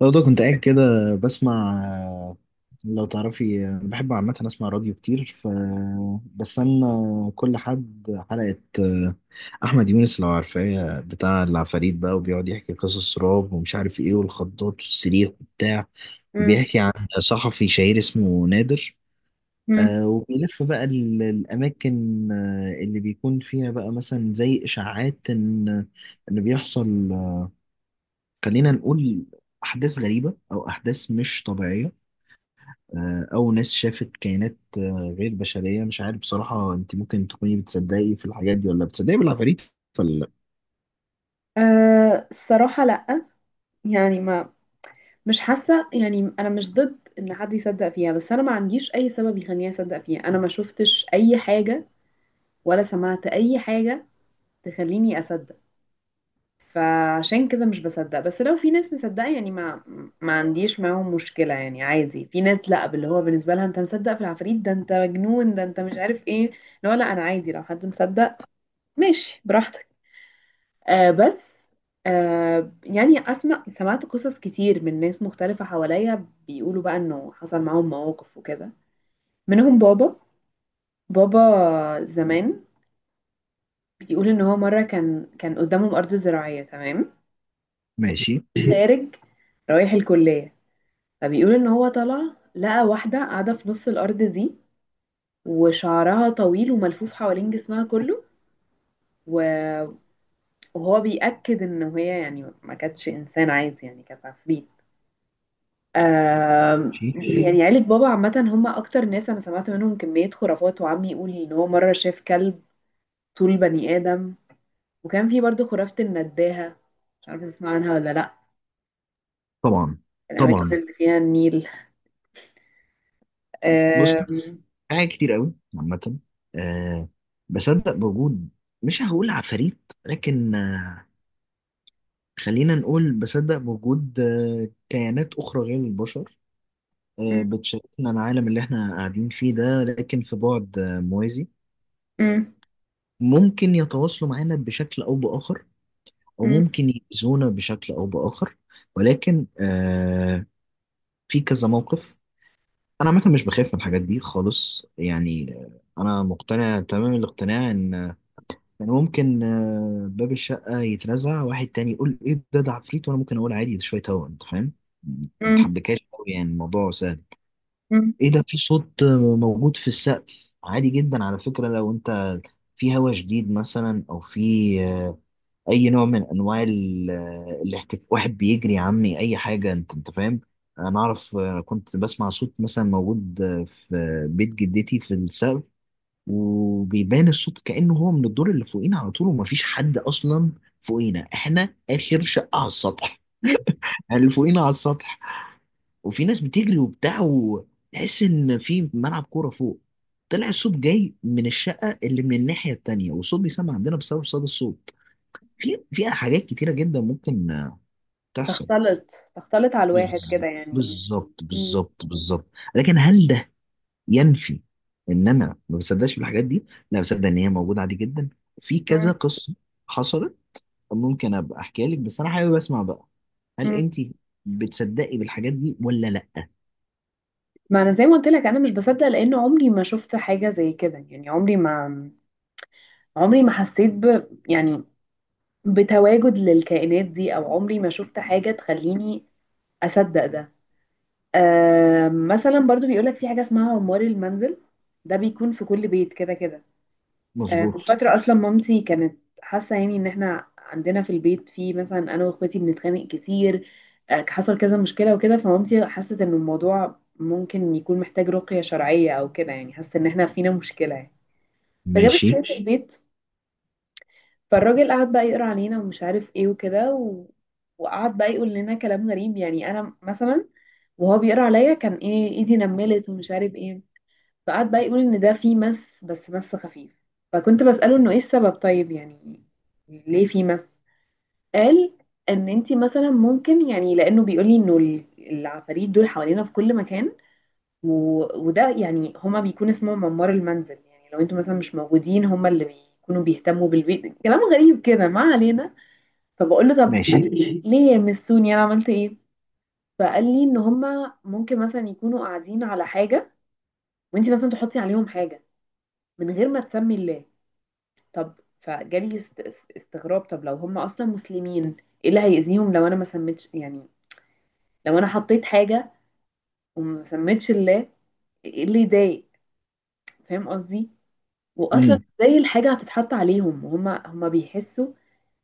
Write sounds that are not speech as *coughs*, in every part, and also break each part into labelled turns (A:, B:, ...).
A: لو ده كنت قاعد كده بسمع. لو تعرفي أنا بحب عامة أسمع راديو كتير، ف بستنى كل حد حلقة. أحمد يونس لو عارفاه بتاع العفاريت بقى، وبيقعد يحكي قصص رعب ومش عارف إيه والخضات والصريخ وبتاع،
B: مم.
A: وبيحكي عن صحفي شهير اسمه نادر.
B: مم.
A: وبيلف بقى الأماكن اللي بيكون فيها بقى، مثلا زي إشاعات إن بيحصل، خلينا نقول، أحداث غريبة أو أحداث مش طبيعية. أو ناس شافت كائنات غير بشرية. مش عارف بصراحة، أنت ممكن تكوني بتصدقي في الحاجات دي ولا بتصدقي بالعفاريت ولا لأ؟
B: أه الصراحة لأ. يعني ما مش حاسة. يعني أنا مش ضد إن حد يصدق فيها، بس أنا ما عنديش أي سبب يخليني أصدق فيها. أنا ما شفتش أي حاجة ولا سمعت أي حاجة تخليني أصدق. فعشان كده مش بصدق. بس لو في ناس مصدقة، يعني ما عنديش معاهم مشكلة. يعني عادي. في ناس لأ، باللي هو بالنسبة لها أنت مصدق في العفاريت ده أنت مجنون ده أنت مش عارف إيه. لا لا، أنا عادي لو حد مصدق ماشي براحتك. آه بس، يعني اسمع سمعت قصص كتير من ناس مختلفة حواليا بيقولوا بقى انه حصل معاهم مواقف وكده. منهم بابا زمان بيقول ان هو مرة كان قدامهم ارض زراعية تمام.
A: ماشي
B: *laughs* خارج رايح الكلية. فبيقول ان هو طلع لقى واحدة قاعدة في نص الارض دي، وشعرها طويل وملفوف حوالين جسمها كله. و- وهو بيأكد ان هي يعني ما كانتش انسان عادي، يعني كانت عفريت.
A: ماشي.
B: ايه يعني عيلة بابا عامة هم أكتر ناس أنا سمعت منهم كمية خرافات. وعمي يقول إن هو مرة شاف كلب طول بني آدم. وكان في برضه خرافة النداهة، مش عارفة تسمع عنها ولا لأ؟
A: طبعا
B: الأماكن
A: طبعا.
B: اللي فيها النيل.
A: بص،
B: آم،
A: حاجات كتير قوي عامة. أه، بصدق بوجود، مش هقول عفاريت، لكن خلينا نقول بصدق بوجود كيانات أخرى غير البشر،
B: م-
A: بتشاركنا العالم اللي احنا قاعدين فيه ده، لكن في بعد موازي،
B: م-
A: ممكن يتواصلوا معانا بشكل أو بآخر، أو
B: م-
A: ممكن يأذونا بشكل أو بآخر. ولكن في كذا موقف، أنا عامة مش بخاف من الحاجات دي خالص يعني. أنا مقتنع تمام الاقتناع إن ممكن باب الشقة يترزع، واحد تاني يقول إيه ده ده عفريت، وأنا ممكن أقول عادي، ده شوية هوا. أنت فاهم؟
B: م-
A: متحبكاش أوي، يعني الموضوع سهل.
B: م-
A: إيه ده، في صوت موجود في السقف، عادي جدا على فكرة. لو أنت في هوا شديد مثلا، أو في اي نوع من انواع الاحتكاك، واحد بيجري يا عمي اي حاجه. انت فاهم؟ انا اعرف، كنت بسمع صوت مثلا موجود في بيت جدتي في السقف، وبيبان الصوت كانه هو من الدور اللي فوقينا على طول، ومفيش حد اصلا فوقينا. احنا اخر شقه على السطح.
B: م.
A: *laughs* يعني اللي فوقينا على السطح، وفي ناس بتجري وبتاع وتحس ان في ملعب كوره فوق. طلع الصوت جاي من الشقه اللي من الناحيه التانيه، والصوت بيسمع عندنا بسبب صدى الصوت. في فيها حاجات كتيرة جدا ممكن تحصل.
B: تختلط تختلط على الواحد
A: بز-
B: كده يعني.
A: بالظبط
B: م-
A: بالظبط بالظبط. لكن هل ده ينفي ان انا ما بصدقش بالحاجات دي؟ لا، بصدق ان هي موجودة عادي جدا، في كذا
B: م-
A: قصة حصلت، ممكن ابقى احكيها لك. بس انا حابب اسمع بقى، هل
B: م.
A: انت بتصدقي بالحاجات دي ولا لا؟
B: ما أنا زي ما قلت لك أنا مش بصدق لأن عمري ما شفت حاجة زي كده. يعني عمري ما حسيت ب، يعني بتواجد للكائنات دي، او عمري ما شفت حاجة تخليني اصدق ده. آه مثلا برضو بيقولك في حاجة اسمها عمار المنزل، ده بيكون في كل بيت كده كده. آه من
A: مظبوط.
B: فترة اصلا مامتي كانت حاسة يعني ان احنا عندنا في البيت في، مثلا انا واخواتي بنتخانق كتير. آه حصل كذا مشكلة وكده، فمامتي حست ان الموضوع ممكن يكون محتاج رقية شرعية او كده. يعني حست ان احنا فينا مشكلة يعني. فجابت
A: ماشي
B: شوية البيت. فالراجل قعد بقى يقرا علينا ومش عارف ايه وكده وقعد بقى يقول لنا كلام غريب. يعني انا مثلا وهو بيقرا عليا كان ايه ايدي نملت ومش عارف ايه. فقعد بقى يقول ان ده فيه مس، بس مس خفيف. فكنت بسأله انه ايه السبب طيب، يعني ليه فيه مس. قال ان انتي مثلا ممكن، يعني لانه بيقول لي انه العفاريت دول حوالينا في كل مكان و... وده يعني هما بيكون اسمهم عمار المنزل. يعني لو انتوا مثلا مش موجودين هما اللي بيكونوا بيهتموا بالبيت. كلام غريب كده، ما علينا. فبقول له طب *coughs*
A: ماشي.
B: ليه يمسوني انا عملت ايه؟ فقال لي ان هما ممكن مثلا يكونوا قاعدين على حاجه، وانت مثلا تحطي عليهم حاجه من غير ما تسمي الله. طب فجالي استغراب، طب لو هما اصلا مسلمين ايه اللي هيأذيهم لو انا ما سميتش؟ يعني لو انا حطيت حاجه وما سميتش الله ايه اللي يضايق؟ فاهم قصدي؟ واصلا
A: امم.
B: ازاي الحاجه هتتحط عليهم وهما بيحسوا.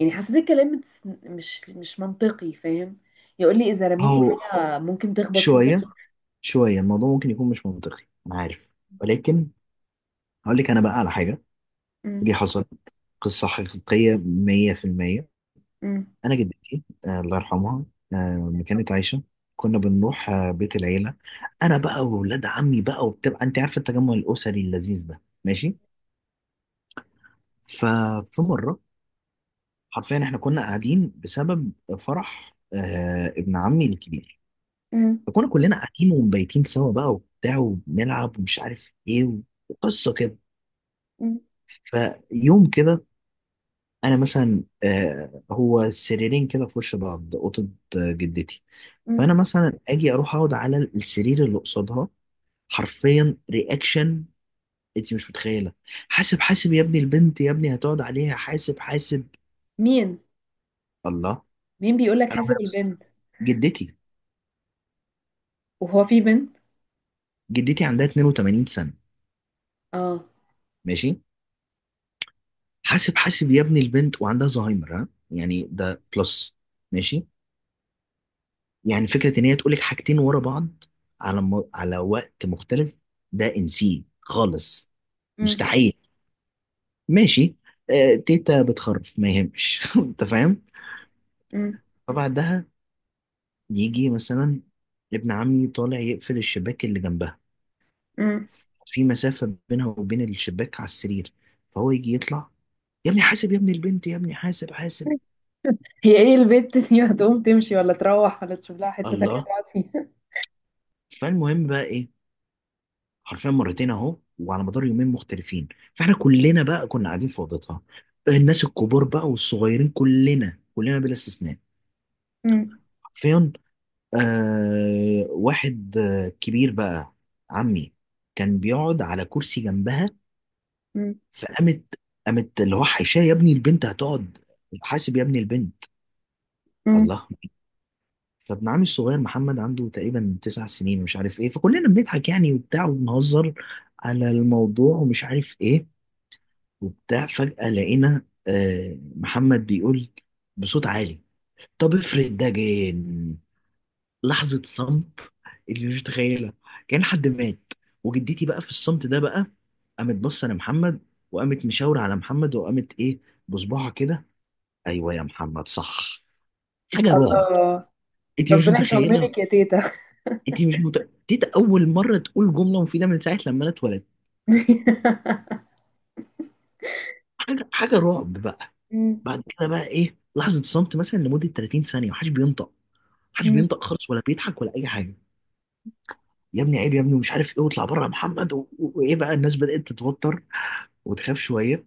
B: يعني حسيت الكلام مش منطقي، فاهم؟ يقول لي اذا رميتي
A: هو
B: حاجه ممكن تخبط فيه.
A: شوية شوية، الموضوع ممكن يكون مش منطقي، انا عارف. ولكن هقول لك انا بقى على حاجة،
B: مم.
A: دي حصلت، قصة حقيقية 100%.
B: مم.
A: أنا جدتي الله يرحمها، ما كانت عايشة، كنا بنروح بيت العيلة، أنا بقى وولاد عمي بقى، وبتبقى أنت عارف التجمع الأسري اللذيذ ده. ماشي. ففي مرة، حرفيا إحنا كنا قاعدين بسبب فرح ابن عمي الكبير.
B: مم.
A: فكنا كلنا قاعدين ومبيتين سوا بقى وبتاع، وبنلعب ومش عارف إيه، وقصة كده.
B: مم.
A: فيوم كده، انا مثلا، هو سريرين كده في وش بعض، اوضه جدتي.
B: مم.
A: فانا مثلا اجي اروح اقعد على السرير اللي قصادها. حرفيا رياكشن، انت مش متخيله. حاسب حاسب يا ابني، البنت يا ابني هتقعد عليها، حاسب حاسب!
B: مين
A: الله!
B: مين بيقول لك
A: انا وهي
B: حاسب
A: بس.
B: البنت؟
A: جدتي.
B: وهو في بنت؟
A: جدتي عندها 82 سنه،
B: اه.
A: ماشي. حاسب حاسب يا ابني البنت! وعندها زهايمر، ها؟ يعني ده بلس، ماشي. يعني فكرة إن هي تقولك حاجتين ورا بعض على على وقت مختلف، ده انسيه خالص.
B: مم.
A: مستحيل، ماشي. تيتا بتخرف ما يهمش. *laughs* أنت فاهم؟
B: مم.
A: فبعدها يجي مثلا ابن عمي طالع يقفل الشباك اللي جنبها.
B: مم.
A: في مسافة بينها وبين الشباك على السرير. فهو يجي يطلع، يا ابني حاسب يا ابني البنت يا ابني حاسب حاسب!
B: هي ايه البنت دي هتقوم تمشي ولا تروح ولا تشوف لها حتة تانية
A: الله!
B: تقعد فيها؟
A: فالمهم بقى إيه، حرفيا مرتين اهو، وعلى مدار يومين مختلفين. فاحنا كلنا بقى كنا قاعدين في اوضتها، الناس الكبار بقى والصغيرين، كلنا كلنا بلا استثناء،
B: مم.
A: حرفيا. واحد كبير بقى، عمي، كان بيقعد على كرسي جنبها.
B: مم.
A: فقامت، قامت اللي هو حيشاه، يا ابني البنت هتقعد، حاسب يا ابني البنت!
B: مم.
A: الله! فابن عمي الصغير محمد، عنده تقريبا 9 سنين ومش عارف ايه، فكلنا بنضحك يعني وبتاع وبنهزر على الموضوع ومش عارف ايه وبتاع. فجأة لقينا محمد بيقول بصوت عالي، طب افرض ده جن! لحظة صمت اللي مش متخيلها، كان حد مات. وجدتي بقى في الصمت ده بقى، قامت بصة لمحمد، وقامت مشاورة على محمد، وقامت ايه، بصباعها كده، ايوه يا محمد صح. حاجة رعب!
B: الله.
A: انت مش
B: ربنا
A: متخيلة.
B: يطمنك يا تيتا.
A: انت مش دي اول مرة تقول جملة مفيدة من ساعة لما انا اتولدت.
B: *laughs*
A: حاجة حاجة رعب بقى.
B: مم.
A: بعد كده بقى ايه، لحظة صمت مثلا لمدة 30 ثانية، محدش بينطق، محدش
B: مم.
A: بينطق خالص ولا بيضحك ولا اي حاجه. يا ابني عيب يا ابني ومش عارف ايه، واطلع بره يا محمد، وايه بقى، الناس بدات تتوتر وتخاف شويه،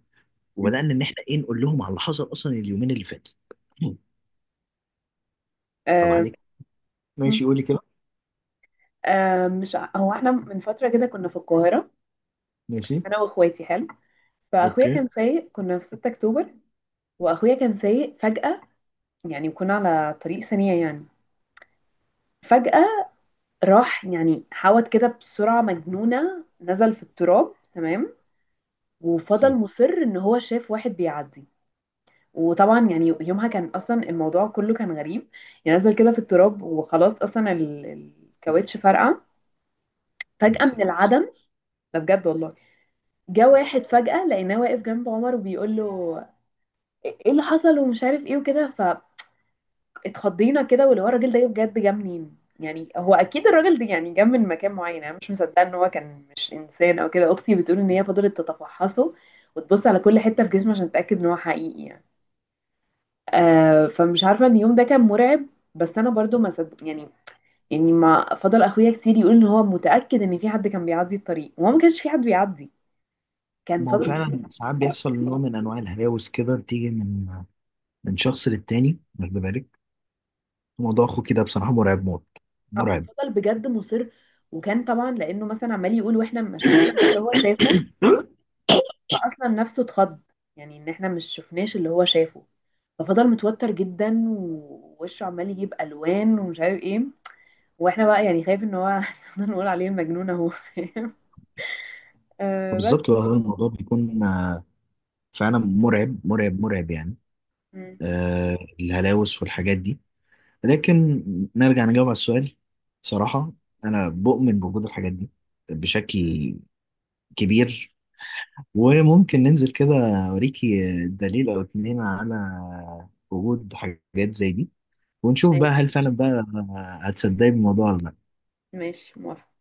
A: وبدانا ان احنا ايه نقول لهم على اللي حصل اصلا اليومين اللي فاتوا. *clears throat*
B: آم،
A: فبعد كده ماشي، قولي كده.
B: مش ع- هو احنا من فترة كده كنا في القاهرة.
A: ماشي.
B: انا واخواتي حلو. فاخويا
A: اوكي.
B: كان سايق، كنا في 6 اكتوبر. واخويا كان سايق فجأة، يعني وكنا على طريق سريع يعني. فجأة راح يعني حاوت كده بسرعة مجنونة، نزل في التراب تمام. وفضل
A: ساتر.
B: مصر ان هو شاف واحد بيعدي. وطبعا يعني يومها كان اصلا الموضوع كله كان غريب. يعني نزل كده في التراب وخلاص، اصلا الكاوتش فرقع
A: يا
B: فجأة من
A: ساتر.
B: العدم. ده بجد والله. جه واحد فجأة، لقيناه واقف جنب عمر وبيقول له ايه اللي حصل ومش عارف ايه وكده. اتخضينا كده، واللي هو الراجل ده بجد جه منين يعني؟ هو اكيد الراجل ده يعني جه من مكان معين، انا مش مصدقه ان هو كان مش انسان او كده. اختي بتقول ان هي فضلت تتفحصه وتبص على كل حته في جسمه عشان تتاكد ان هو حقيقي يعني. آه فمش عارفه ان اليوم ده كان مرعب، بس انا برضو ما صدق يعني. يعني ما فضل اخويا كتير يقول ان هو متاكد ان في حد كان بيعدي الطريق، وهو ما كانش في حد بيعدي. كان
A: ما هو
B: فضل كتير.
A: فعلا ساعات بيحصل نوع من انواع الهلاوس كده بتيجي من شخص للتاني، واخد بالك. موضوع اخو كده بصراحه مرعب موت، مرعب.
B: فضل بجد مصر. وكان طبعا لانه مثلا عمال يقول واحنا ما شفناش اللي هو شافه.
A: *clears throat*
B: اصلا نفسه اتخض، يعني ان احنا مش شفناش اللي هو شافه. ففضل متوتر جدا ووشه عمال يجيب الوان ومش عارف ايه. واحنا بقى يعني خايف ان هو *laughs* نقول عليه المجنون اهو، فاهم؟ آه بس.
A: فبالظبط بقى، هو الموضوع بيكون فعلا مرعب مرعب مرعب يعني.
B: مم.
A: الهلاوس والحاجات دي، لكن نرجع نجاوب على السؤال. صراحة، أنا بؤمن بوجود الحاجات دي بشكل كبير، وممكن ننزل كده أوريكي دليل أو اتنين على وجود حاجات زي دي، ونشوف بقى هل
B: ماشي.
A: فعلا بقى هتصدقي بالموضوع ولا لأ
B: ماشي موافقة.